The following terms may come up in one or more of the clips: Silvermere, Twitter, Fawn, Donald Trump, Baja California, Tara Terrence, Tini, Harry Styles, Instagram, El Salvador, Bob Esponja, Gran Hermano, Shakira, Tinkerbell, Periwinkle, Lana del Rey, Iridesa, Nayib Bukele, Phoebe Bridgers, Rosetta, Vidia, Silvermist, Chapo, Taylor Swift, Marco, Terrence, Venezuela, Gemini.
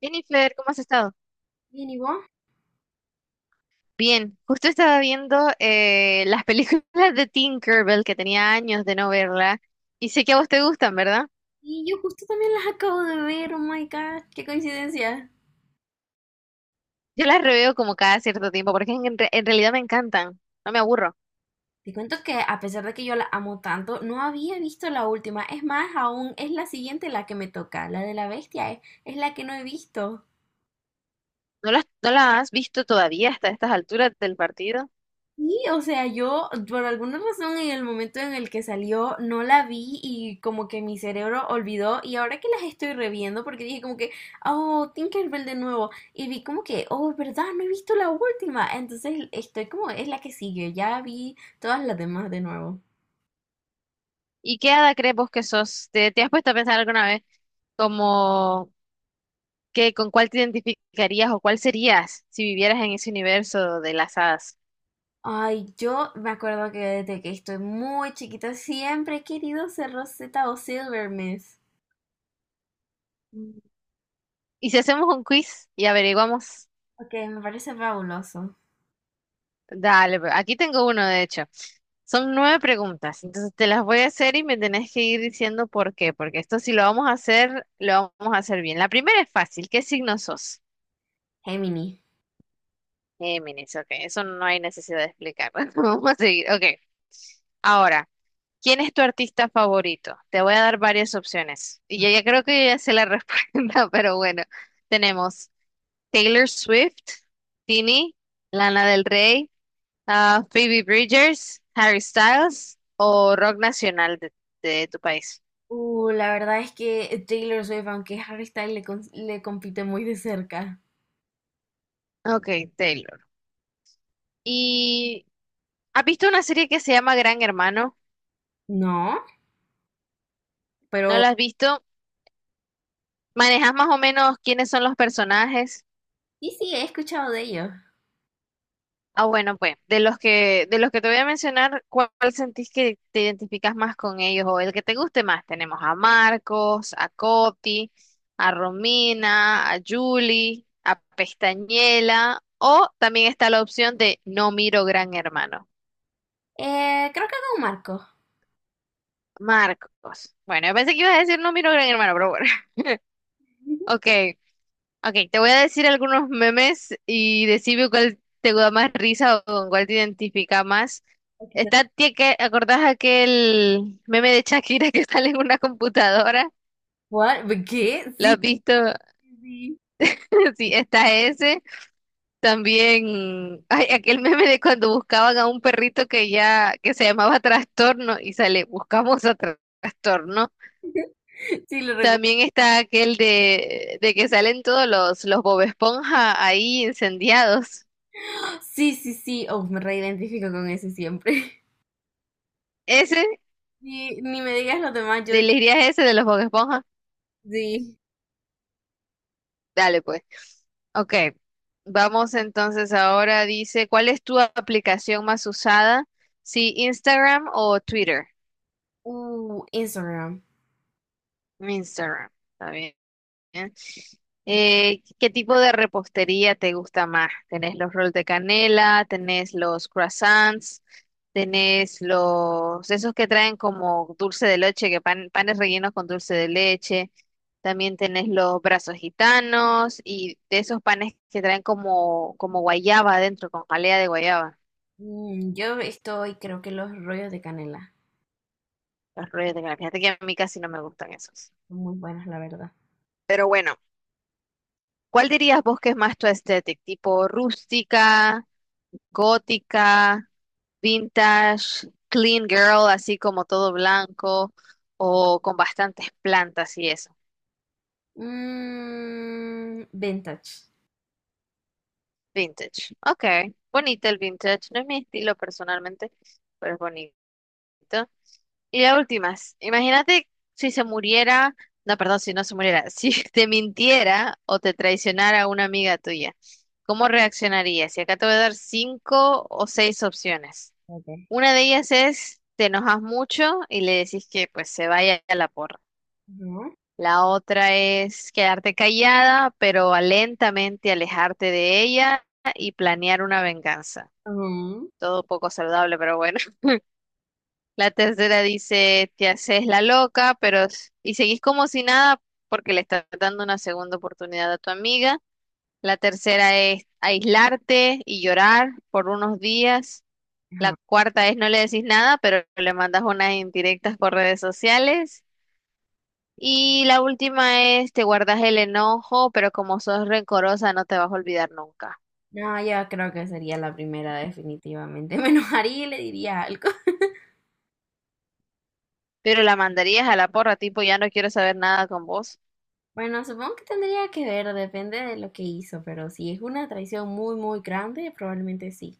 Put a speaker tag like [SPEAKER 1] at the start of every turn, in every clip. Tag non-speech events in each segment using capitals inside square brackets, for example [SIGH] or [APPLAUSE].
[SPEAKER 1] Jennifer, ¿cómo has estado?
[SPEAKER 2] Bien, ¿y vos?
[SPEAKER 1] Bien, justo estaba viendo las [LAUGHS] películas de Tinkerbell que tenía años de no verla y sé que a vos te gustan, ¿verdad?
[SPEAKER 2] Y yo justo también las acabo de ver, oh my god, qué coincidencia.
[SPEAKER 1] Yo las reveo como cada cierto tiempo porque en realidad me encantan, no me aburro.
[SPEAKER 2] Te cuento que a pesar de que yo la amo tanto, no había visto la última. Es más, aún es la siguiente la que me toca, la de la bestia, es la que no he visto.
[SPEAKER 1] No las has visto todavía hasta estas alturas del partido?
[SPEAKER 2] Sí, o sea, yo por alguna razón en el momento en el que salió no la vi y como que mi cerebro olvidó y ahora que las estoy reviendo porque dije como que, oh, Tinkerbell de nuevo y vi como que, oh, es verdad, no he visto la última, entonces estoy como, es la que sigue, ya vi todas las demás de nuevo.
[SPEAKER 1] ¿Y qué hada crees vos que sos? Te has puesto a pensar alguna vez como que con cuál te identificarías o cuál serías si vivieras en ese universo de las hadas?
[SPEAKER 2] Ay, yo me acuerdo que desde que estoy muy chiquita siempre he querido ser Rosetta o Silvermist.
[SPEAKER 1] Mm. ¿Y si hacemos un quiz y averiguamos?
[SPEAKER 2] Ok, me parece fabuloso.
[SPEAKER 1] Dale, aquí tengo uno, de hecho. Son nueve preguntas, entonces te las voy a hacer y me tenés que ir diciendo por qué, porque esto si lo vamos a hacer, lo vamos a hacer bien. La primera es fácil, ¿qué signo sos?
[SPEAKER 2] Gemini.
[SPEAKER 1] Géminis, ok, eso no hay necesidad de explicar. [LAUGHS] Vamos a seguir, ok. Ahora, ¿quién es tu artista favorito? Te voy a dar varias opciones y ya creo que ya sé la [LAUGHS] respuesta, pero bueno, tenemos Taylor Swift, Tini, Lana del Rey. Ah, Phoebe Bridgers, Harry Styles o rock nacional de tu país.
[SPEAKER 2] La verdad es que Taylor Swift, aunque Harry Styles le compite muy de cerca.
[SPEAKER 1] Ok, Taylor. ¿Y has visto una serie que se llama Gran Hermano?
[SPEAKER 2] No,
[SPEAKER 1] ¿No
[SPEAKER 2] pero
[SPEAKER 1] la has visto? ¿Manejas más o menos quiénes son los personajes?
[SPEAKER 2] sí, he escuchado de ellos.
[SPEAKER 1] Ah, bueno, pues, de los que te voy a mencionar, ¿cuál sentís que te identificas más con ellos o el que te guste más? Tenemos a Marcos, a Coti, a Romina, a Julie, a Pestañela, o también está la opción de no miro Gran Hermano.
[SPEAKER 2] Creo que con Marco.
[SPEAKER 1] Marcos. Bueno, yo pensé que ibas a decir no miro Gran Hermano, pero bueno. [LAUGHS]
[SPEAKER 2] [LAUGHS]
[SPEAKER 1] Ok. Ok, te voy a decir algunos memes y decime cuál te da más risa o con cuál te identifica más.
[SPEAKER 2] O quizá-
[SPEAKER 1] ¿Acordás aquel meme de Shakira que [LAUGHS] sale en una computadora?
[SPEAKER 2] ¿What? ¿Qué?
[SPEAKER 1] ¿Lo has
[SPEAKER 2] Sí,
[SPEAKER 1] visto? [LAUGHS]
[SPEAKER 2] sí, sí,
[SPEAKER 1] Sí, está ese. También hay aquel meme de cuando buscaban a un perrito que ya, que se llamaba Trastorno y sale, buscamos a Trastorno.
[SPEAKER 2] sí, lo recuerdo.
[SPEAKER 1] También está aquel de que salen todos los Bob Esponja ahí incendiados.
[SPEAKER 2] Sí, sí, sí. Oh, me reidentifico con ese siempre. [LAUGHS]
[SPEAKER 1] Ese.
[SPEAKER 2] Ni me digas los demás.
[SPEAKER 1] ¿Elegirías ese de los Bob Esponja?
[SPEAKER 2] Sí.
[SPEAKER 1] Dale, pues. Ok, vamos entonces ahora. Dice, ¿cuál es tu aplicación más usada? Sí, ¿Instagram o Twitter?
[SPEAKER 2] Instagram.
[SPEAKER 1] Instagram, está bien. ¿Qué tipo de repostería te gusta más? ¿Tenés los rolls de canela? ¿Tenés los croissants? ¿Tenés los, esos que traen como dulce de leche, que panes rellenos con dulce de leche? También tenés los brazos gitanos y de esos panes que traen como, como guayaba adentro, con jalea de guayaba.
[SPEAKER 2] Mm, creo que los rollos de canela
[SPEAKER 1] Los rollos de canela. Fíjate que a mí casi no me gustan esos.
[SPEAKER 2] son muy buenos, la verdad.
[SPEAKER 1] Pero bueno, ¿cuál dirías vos que es más tu estética? ¿Tipo rústica, gótica, vintage, clean girl, así como todo blanco o con bastantes plantas y eso?
[SPEAKER 2] Mm, vintage.
[SPEAKER 1] Vintage. Ok, bonito el vintage. No es mi estilo personalmente, pero es bonito. Y la última, es, imagínate si se muriera, no, perdón, si no se muriera, [LAUGHS] si te mintiera o te traicionara una amiga tuya, ¿cómo reaccionarías? Y acá te voy a dar cinco o seis opciones. Una de ellas es, te enojas mucho y le decís que pues se vaya a la porra.
[SPEAKER 2] Ujú,
[SPEAKER 1] La otra es quedarte callada, pero lentamente alejarte de ella y planear una venganza.
[SPEAKER 2] ujú,
[SPEAKER 1] Todo poco saludable, pero bueno. La tercera dice, te haces la loca, pero y seguís como si nada porque le estás dando una segunda oportunidad a tu amiga. La tercera es aislarte y llorar por unos días. La
[SPEAKER 2] ajá.
[SPEAKER 1] cuarta es no le decís nada, pero le mandas unas indirectas por redes sociales. Y la última es te guardas el enojo, pero como sos rencorosa no te vas a olvidar nunca.
[SPEAKER 2] No, yo creo que sería la primera definitivamente. [LAUGHS] Me enojaría y le diría algo. [LAUGHS]
[SPEAKER 1] Pero la mandarías a la porra, tipo, ya no quiero saber nada con vos.
[SPEAKER 2] Bueno, supongo que tendría que ver, depende de lo que hizo, pero si es una traición muy, muy grande, probablemente sí.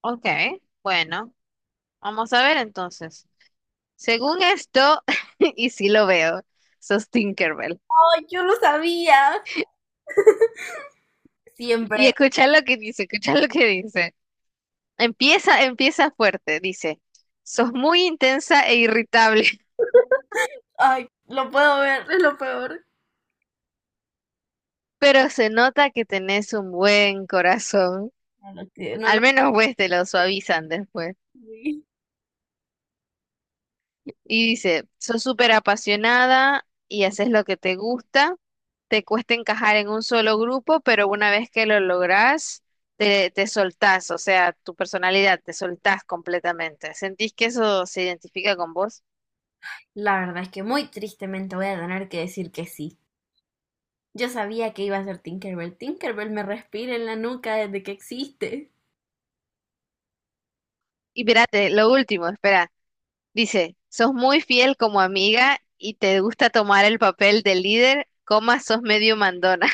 [SPEAKER 1] Ok, bueno, vamos a ver entonces. Según esto, [LAUGHS] y sí lo veo, sos Tinkerbell.
[SPEAKER 2] ¡Ay, yo lo sabía!
[SPEAKER 1] Y
[SPEAKER 2] Siempre.
[SPEAKER 1] escucha lo que dice, escucha lo que dice. Empieza, empieza fuerte, dice. Sos muy intensa e irritable, [LAUGHS]
[SPEAKER 2] ¡Ay, lo puedo ver! Es lo peor.
[SPEAKER 1] pero se nota que tenés un buen corazón.
[SPEAKER 2] No lo
[SPEAKER 1] Al menos pues te lo suavizan después.
[SPEAKER 2] sabía.
[SPEAKER 1] Y dice, sos súper apasionada y haces lo que te gusta, te cuesta encajar en un solo grupo, pero una vez que lo lográs, te soltás, o sea, tu personalidad, te soltás completamente. ¿Sentís que eso se identifica con vos?
[SPEAKER 2] La verdad es que muy tristemente voy a tener que decir que sí. Yo sabía que iba a ser Tinkerbell. Tinkerbell me respira en la nuca desde que existe.
[SPEAKER 1] Y espérate, lo último, espera. Dice, sos muy fiel como amiga y te gusta tomar el papel de líder, coma, sos medio mandona.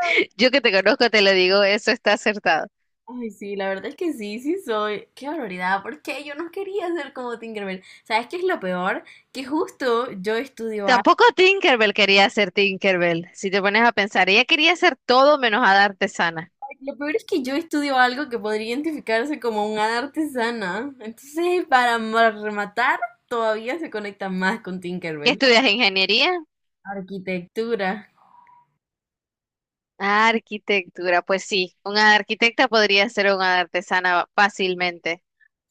[SPEAKER 1] [LAUGHS] Yo que te conozco te lo digo, eso está acertado.
[SPEAKER 2] Ay, sí, la verdad es que sí, sí soy. Qué barbaridad, porque yo no quería ser como Tinkerbell. ¿Sabes qué es lo peor? Que justo yo estudio algo.
[SPEAKER 1] Tampoco Tinkerbell quería ser Tinkerbell. Si te pones a pensar, ella quería ser todo menos hada artesana.
[SPEAKER 2] Lo peor es que yo estudio algo que podría identificarse como un hada artesana. Entonces, rematar, todavía se conecta más con
[SPEAKER 1] ¿Qué
[SPEAKER 2] Tinkerbell.
[SPEAKER 1] estudias? ¿Ingeniería?
[SPEAKER 2] Arquitectura.
[SPEAKER 1] Ah, arquitectura. Pues sí, una arquitecta podría ser una artesana fácilmente.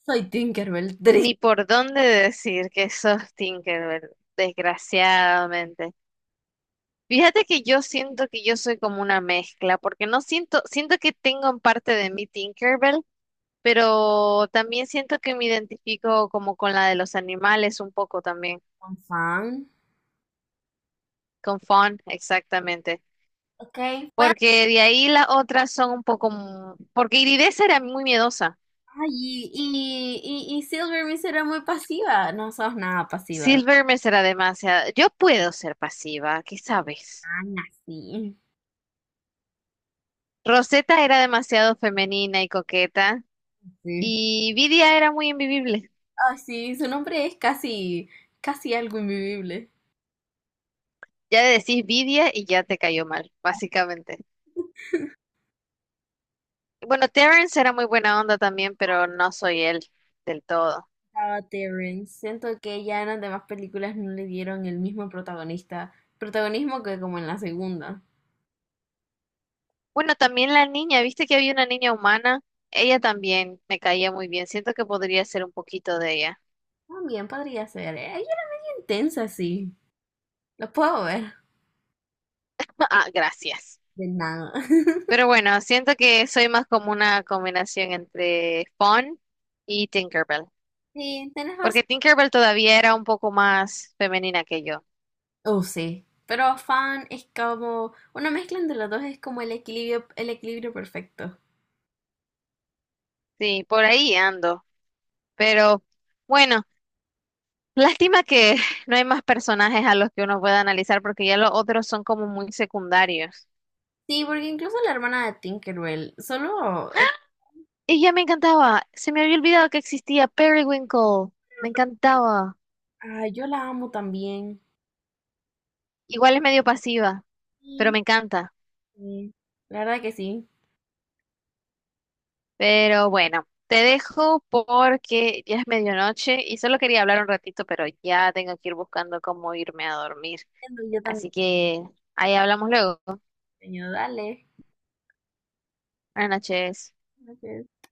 [SPEAKER 2] Soy Tinkerbell,
[SPEAKER 1] Ni
[SPEAKER 2] triste
[SPEAKER 1] por dónde decir que sos Tinkerbell, desgraciadamente. Fíjate que yo siento que yo soy como una mezcla, porque no siento, siento que tengo en parte de mí Tinkerbell, pero también siento que me identifico como con la de los animales un poco también.
[SPEAKER 2] con fan.
[SPEAKER 1] Con Fon, exactamente.
[SPEAKER 2] Ok, pues.
[SPEAKER 1] Porque de ahí las otras son un poco... m- Porque Iridesa era muy miedosa.
[SPEAKER 2] Ay, y Silvermist era muy pasiva. No sos nada pasiva.
[SPEAKER 1] Silvermere era demasiado... Yo puedo ser pasiva, ¿qué sabes?
[SPEAKER 2] Ah, no, sí.
[SPEAKER 1] Rosetta era demasiado femenina y coqueta.
[SPEAKER 2] Sí.
[SPEAKER 1] Y Vidia era muy invivible.
[SPEAKER 2] Ah sí, su nombre es casi, casi algo invivible.
[SPEAKER 1] Ya le decís Vidia y ya te cayó mal, básicamente. Bueno, Terrence era muy buena onda también, pero no soy él del todo.
[SPEAKER 2] Tara Terrence. Siento que ya en las demás películas no le dieron el mismo protagonismo que como en la segunda.
[SPEAKER 1] Bueno, también la niña, ¿viste que había una niña humana? Ella también me caía muy bien. Siento que podría ser un poquito de ella.
[SPEAKER 2] También podría ser. Ella era intensa, sí. Lo puedo ver.
[SPEAKER 1] [LAUGHS] Ah, gracias.
[SPEAKER 2] De nada. [LAUGHS]
[SPEAKER 1] Pero bueno, siento que soy más como una combinación entre Fawn y Tinkerbell,
[SPEAKER 2] Sí, tenés razón.
[SPEAKER 1] porque Tinkerbell todavía era un poco más femenina que yo.
[SPEAKER 2] Oh, sí. Pero fan es como una mezcla entre los dos, es como el equilibrio perfecto.
[SPEAKER 1] Sí, por ahí ando. Pero bueno, lástima que [LAUGHS] no hay más personajes a los que uno pueda analizar porque ya los otros son como muy secundarios.
[SPEAKER 2] Sí, porque incluso la hermana de Tinkerbell, solo
[SPEAKER 1] Y ya me encantaba, se me había olvidado que existía Periwinkle, me encantaba.
[SPEAKER 2] ah, yo la amo también.
[SPEAKER 1] Igual es medio pasiva, pero
[SPEAKER 2] Sí,
[SPEAKER 1] me encanta.
[SPEAKER 2] sí, la verdad que sí.
[SPEAKER 1] Pero bueno, te dejo porque ya es medianoche y solo quería hablar un ratito, pero ya tengo que ir buscando cómo irme a dormir.
[SPEAKER 2] Entiendo, yo también,
[SPEAKER 1] Así que ahí hablamos luego.
[SPEAKER 2] sueño, dale.
[SPEAKER 1] Buenas noches.
[SPEAKER 2] Ok.